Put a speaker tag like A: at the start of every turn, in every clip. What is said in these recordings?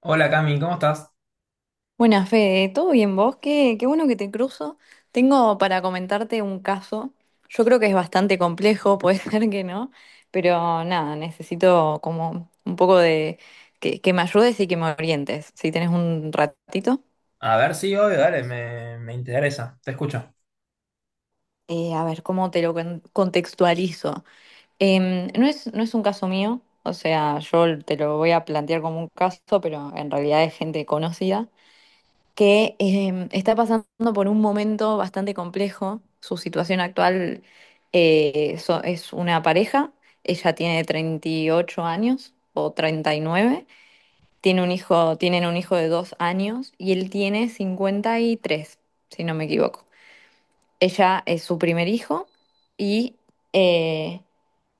A: Hola Cami, ¿cómo estás?
B: Buenas, Fede, ¿todo bien vos? Qué bueno que te cruzo. Tengo para comentarte un caso. Yo creo que es bastante complejo, puede ser que no, pero nada, necesito como un poco de que me ayudes y que me orientes, si tenés un ratito.
A: A ver, sí, obvio, dale, me interesa, te escucho.
B: A ver, ¿cómo te lo contextualizo? No es un caso mío, o sea, yo te lo voy a plantear como un caso, pero en realidad es gente conocida. Que está pasando por un momento bastante complejo. Su situación actual es una pareja, ella tiene 38 años o 39, tiene un hijo, tienen un hijo de dos años y él tiene 53, si no me equivoco. Ella es su primer hijo y eh,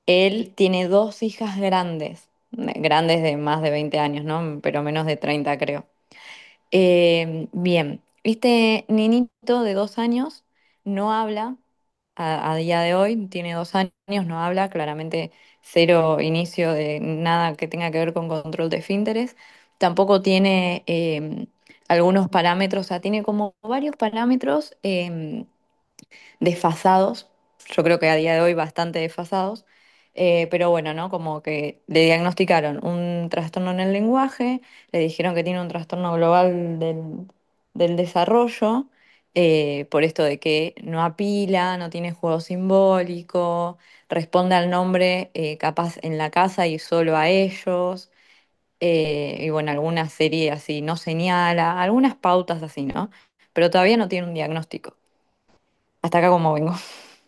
B: él tiene dos hijas grandes, grandes de más de 20 años, ¿no? Pero menos de 30, creo. Bien, este niñito de dos años no habla a día de hoy, tiene dos años, no habla, claramente cero inicio de nada que tenga que ver con control de esfínteres, tampoco tiene algunos parámetros, o sea, tiene como varios parámetros desfasados, yo creo que a día de hoy bastante desfasados. Eh, pero bueno, ¿no? Como que le diagnosticaron un trastorno en el lenguaje, le dijeron que tiene un trastorno global del desarrollo, por esto de que no apila, no tiene juego simbólico, responde al nombre capaz en la casa y solo a ellos. Y bueno, alguna serie así no señala, algunas pautas así, ¿no? Pero todavía no tiene un diagnóstico. Hasta acá como vengo.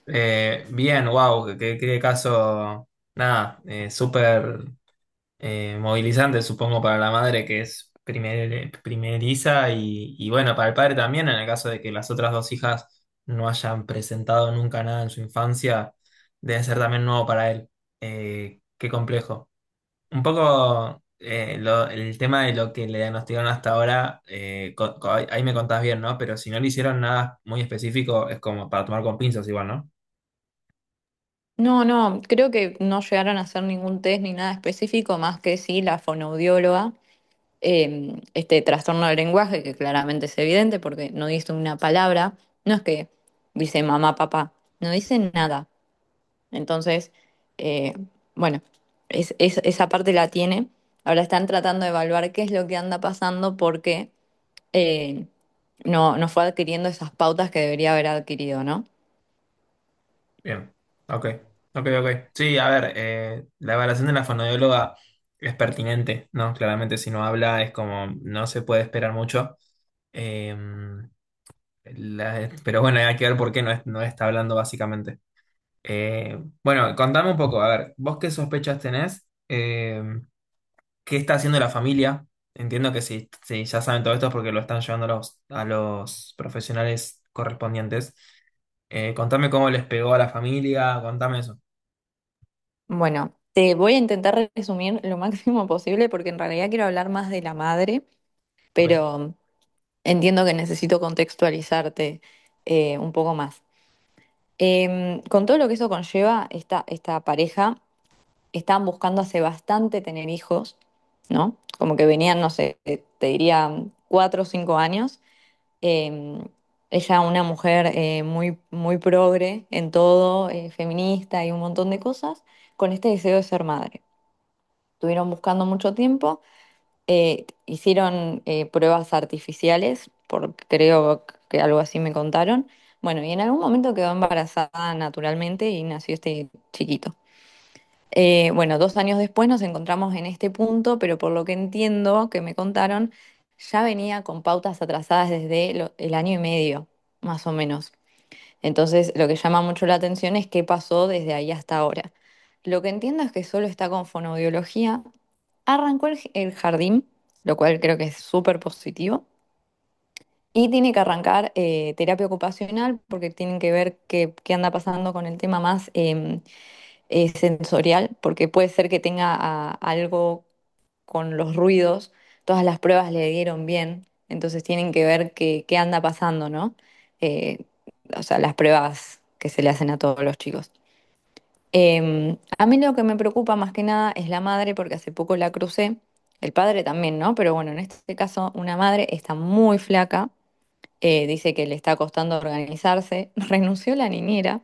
A: Bien, wow, qué caso, nada, súper movilizante, supongo, para la madre que es primeriza y bueno, para el padre también, en el caso de que las otras dos hijas no hayan presentado nunca nada en su infancia, debe ser también nuevo para él. Qué complejo. Un poco el tema de lo que le diagnosticaron hasta ahora, ahí me contás bien, ¿no? Pero si no le hicieron nada muy específico, es como para tomar con pinzas igual, ¿no?
B: No, no, creo que no llegaron a hacer ningún test ni nada específico, más que sí la fonoaudióloga, este trastorno del lenguaje, que claramente es evidente porque no dice una palabra, no es que dice mamá, papá, no dice nada. Entonces, eh, bueno, esa parte la tiene. Ahora están tratando de evaluar qué es lo que anda pasando porque eh, no, no fue adquiriendo esas pautas que debería haber adquirido, ¿no?
A: Bien. Ok, ok, ok. Sí, a ver, la evaluación de la fonoaudióloga es pertinente, ¿no? Claramente, si no habla, es como no se puede esperar mucho. Em, pero bueno, hay que ver por qué no, no está hablando básicamente. Eh, bueno, contame un poco, a ver, ¿vos qué sospechas tenés? Qué está haciendo la familia. Entiendo que, si ya saben todo esto es porque lo están llevando a los profesionales correspondientes. Contame cómo les pegó a la familia, contame eso.
B: Bueno, te voy a intentar resumir lo máximo posible porque en realidad quiero hablar más de la madre,
A: Ok,
B: pero entiendo que necesito contextualizarte un poco más. Con todo lo que eso conlleva, esta pareja estaban buscando hace bastante tener hijos, ¿no? Como que venían, no sé, te diría cuatro o cinco años. Em, ella, una mujer muy progre en todo, feminista y un montón de cosas, con este deseo de ser madre. Estuvieron buscando mucho tiempo, hicieron pruebas artificiales, porque creo que algo así me contaron. Bueno, y en algún momento quedó embarazada naturalmente y nació este chiquito. Bueno, dos años después nos encontramos en este punto, pero por lo que entiendo que me contaron, ya venía con pautas atrasadas desde el año y medio, más o menos. Entonces, lo que llama mucho la atención es qué pasó desde ahí hasta ahora. Lo que entiendo es que solo está con fonoaudiología. Arrancó el jardín, lo cual creo que es súper positivo. Y tiene que arrancar terapia ocupacional porque tienen que ver qué anda pasando con el tema más sensorial, porque puede ser que tenga algo con los ruidos. Todas las pruebas le dieron bien, entonces tienen que ver qué anda pasando, ¿no? Eh, o sea, las pruebas que se le hacen a todos los chicos. A mí lo que me preocupa más que nada es la madre, porque hace poco la crucé, el padre también, ¿no? Pero bueno, en este caso una madre está muy flaca, dice que le está costando organizarse, renunció la niñera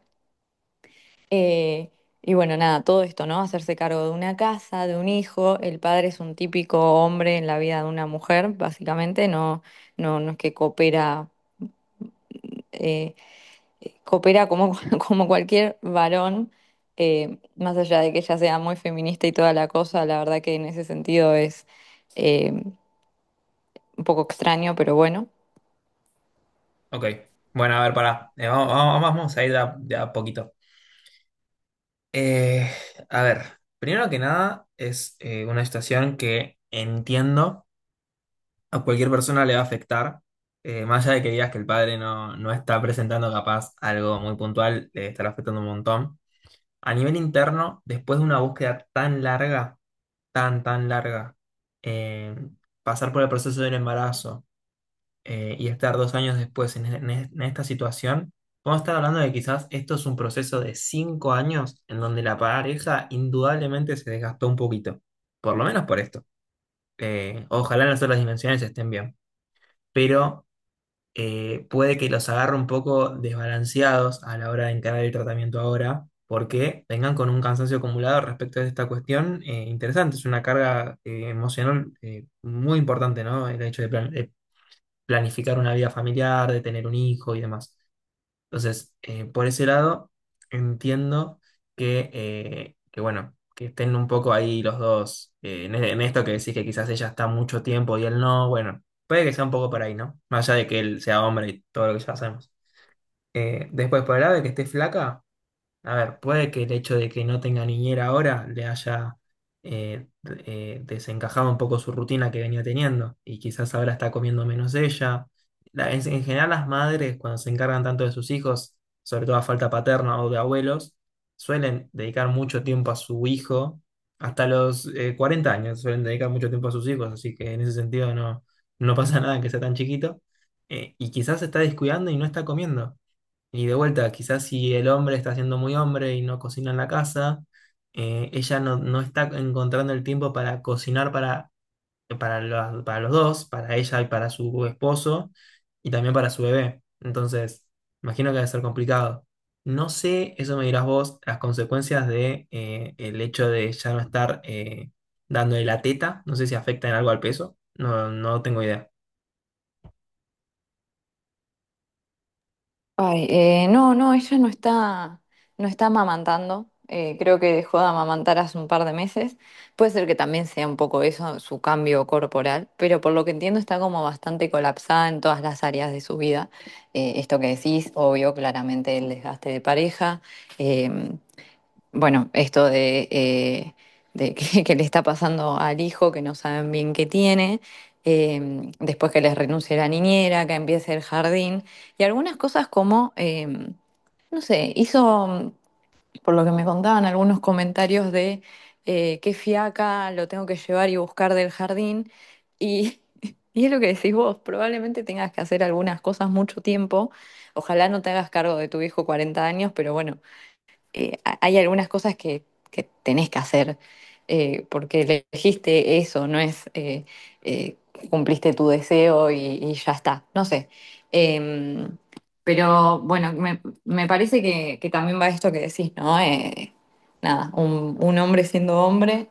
B: eh, . Y bueno, nada, todo esto, ¿no? Hacerse cargo de una casa, de un hijo. El padre es un típico hombre en la vida de una mujer, básicamente. No, no, no es que coopera, eh, coopera como, como cualquier varón. Más allá de que ella sea muy feminista y toda la cosa, la verdad que en ese sentido es un poco extraño, pero bueno.
A: ok. Bueno, a ver, pará. Vamos a ir de a poquito. Eh, a ver, primero que nada es una situación que entiendo a cualquier persona le va a afectar, más allá de que digas que el padre no está presentando capaz algo muy puntual, le estará afectando un montón. A nivel interno, después de una búsqueda tan larga, tan, tan larga, eh, pasar por el proceso del embarazo y estar 2 años después en esta situación, podemos estar hablando de que quizás esto es un proceso de 5 años en donde la pareja indudablemente se desgastó un poquito, por lo menos por esto. Ojalá en las otras dimensiones estén bien, pero puede que los agarre un poco desbalanceados a la hora de encarar el tratamiento ahora, porque vengan con un cansancio acumulado respecto a esta cuestión interesante. Es una carga emocional muy importante, ¿no? El hecho de de planificar una vida familiar, de tener un hijo y demás. Entonces, por ese lado, entiendo que, bueno, que estén un poco ahí los dos en esto que decís que quizás ella está mucho tiempo y él no, bueno, puede que sea un poco por ahí, ¿no? Más allá de que él sea hombre y todo lo que ya sabemos. Después, por el lado de que esté flaca. A ver, puede que el hecho de que no tenga niñera ahora le haya desencajado un poco su rutina que venía teniendo y quizás ahora está comiendo menos ella. En general, las madres, cuando se encargan tanto de sus hijos, sobre todo a falta paterna o de abuelos, suelen dedicar mucho tiempo a su hijo. Hasta los 40 años suelen dedicar mucho tiempo a sus hijos, así que en ese sentido no pasa nada que sea tan chiquito. Y quizás se está descuidando y no está comiendo. Y de vuelta, quizás si el hombre está siendo muy hombre y no cocina en la casa, ella no está encontrando el tiempo para cocinar para los dos, para ella y para su esposo, y también para su bebé. Entonces, imagino que debe ser complicado. No sé, eso me dirás vos, las consecuencias de el hecho de ya no estar dándole la teta. No sé si afecta en algo al peso. No, no tengo idea.
B: Ay, no, no, ella no está, no está amamantando. Creo que dejó de amamantar hace un par de meses. Puede ser que también sea un poco eso, su cambio corporal, pero por lo que entiendo está como bastante colapsada en todas las áreas de su vida. Esto que decís, obvio, claramente el desgaste de pareja. em, bueno, esto de, que le está pasando al hijo, que no saben bien qué tiene, eh, después que les renuncie la niñera, que empiece el jardín, y algunas cosas como, no sé, hizo, por lo que me contaban, algunos comentarios de qué fiaca lo tengo que llevar y buscar del jardín, y, y es lo que decís vos, probablemente tengas que hacer algunas cosas mucho tiempo, ojalá no te hagas cargo de tu hijo 40 años, pero bueno hay algunas cosas que tenés que hacer porque elegiste eso, no es eh, cumpliste tu deseo y ya está, no sé. Eh, pero bueno, me parece que también va esto que decís, ¿no? Nada, un hombre siendo hombre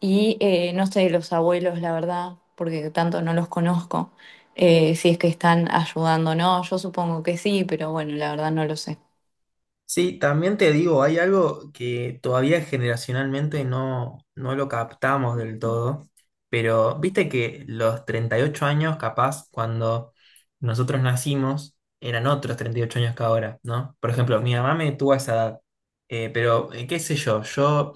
B: y no sé, los abuelos, la verdad, porque tanto no los conozco, si es que están ayudando o no, yo supongo que sí, pero bueno, la verdad no lo sé.
A: Sí, también te digo, hay algo que todavía generacionalmente no lo captamos del todo, pero viste que los 38 años, capaz, cuando nosotros nacimos, eran otros 38 años que ahora, ¿no? Por ejemplo, mi mamá me tuvo a esa edad, pero qué sé yo, yo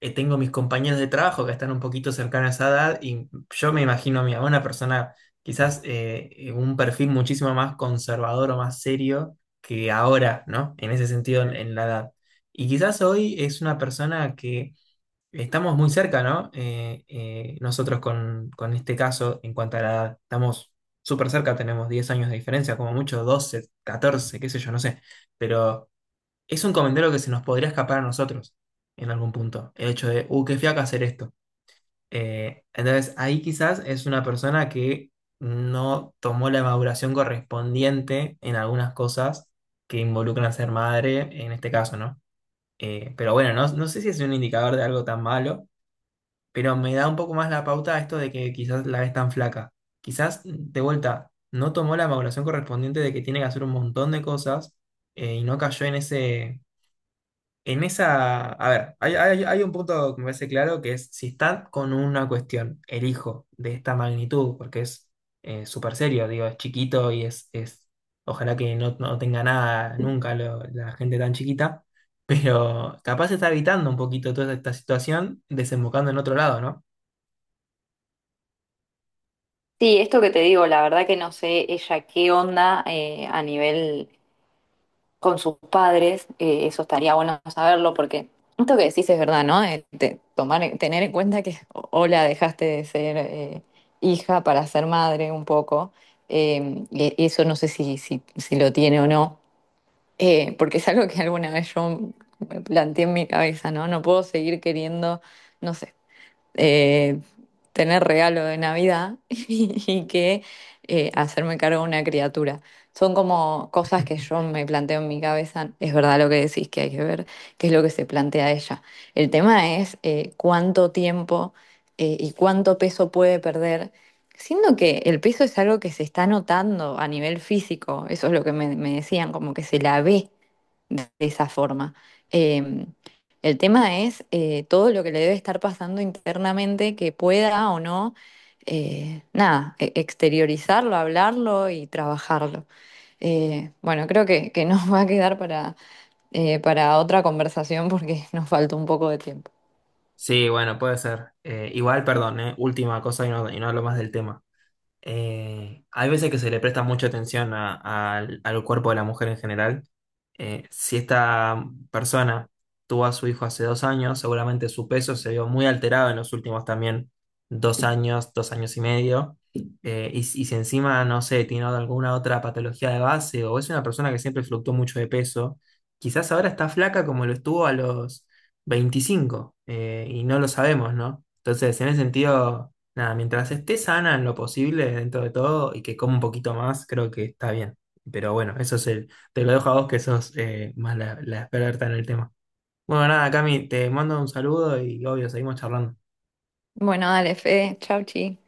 A: tengo mis compañeros de trabajo que están un poquito cercanos a esa edad y yo me imagino a mí, a una persona quizás un perfil muchísimo más conservador o más serio que ahora, ¿no? En ese sentido, en la edad. Y quizás hoy es una persona que estamos muy cerca, ¿no? Nosotros con este caso, en cuanto a la edad, estamos súper cerca, tenemos 10 años de diferencia, como mucho 12 14, qué sé yo, no sé, pero es un comentario que se nos podría escapar a nosotros en algún punto. El hecho de, qué fiaca hacer esto. Entonces, ahí quizás es una persona que no tomó la maduración correspondiente en algunas cosas que involucran a ser madre, en este caso, ¿no? Pero bueno, no sé si es un indicador de algo tan malo, pero me da un poco más la pauta esto de que quizás la ves tan flaca. Quizás, de vuelta, no tomó la maduración correspondiente de que tiene que hacer un montón de cosas y no cayó en ese en esa, a ver, hay un punto que me parece claro, que es si estás con una cuestión, el hijo de esta magnitud, porque es súper serio, digo, es chiquito y es, ojalá que no tenga nada nunca la gente tan chiquita, pero capaz está evitando un poquito toda esta situación, desembocando en otro lado, ¿no?
B: Sí, esto que te digo, la verdad que no sé ella qué onda a nivel con sus padres, eso estaría bueno saberlo porque esto que decís es verdad, ¿no? Tomar, tener en cuenta que, o la dejaste de ser hija para ser madre un poco, y eso no sé si lo tiene o no, porque es algo que alguna vez yo me planteé en mi cabeza, ¿no? No puedo seguir queriendo, no sé eh, tener regalo de Navidad y que hacerme cargo de una criatura. Son como cosas que yo me planteo en mi cabeza. Es verdad lo que decís, que hay que ver qué es lo que se plantea ella. El tema es cuánto tiempo y cuánto peso puede perder, siendo que el peso es algo que se está notando a nivel físico. Eso es lo que me decían, como que se la ve de esa forma. Em, el tema es todo lo que le debe estar pasando internamente que pueda o no, nada, e- exteriorizarlo, hablarlo y trabajarlo. Bueno, creo que nos va a quedar para otra conversación porque nos falta un poco de tiempo.
A: Sí, bueno, puede ser. Igual, perdón, última cosa y no hablo más del tema. Hay veces que se le presta mucha atención al cuerpo de la mujer en general. Si esta persona tuvo a su hijo hace 2 años, seguramente su peso se vio muy alterado en los últimos también 2 años, 2 años y medio. Y si encima, no sé, tiene alguna otra patología de base o es una persona que siempre fluctuó mucho de peso, quizás ahora está flaca como lo estuvo a los 25 y no lo sabemos, ¿no? Entonces, en ese sentido... Nada, mientras esté sana en lo posible dentro de todo y que coma un poquito más, creo que está bien. Pero bueno, eso es el, te lo dejo a vos que sos más la experta en el tema. Bueno, nada, Cami, te mando un saludo y obvio, seguimos charlando.
B: Bueno, dale, Fede, chau, chi.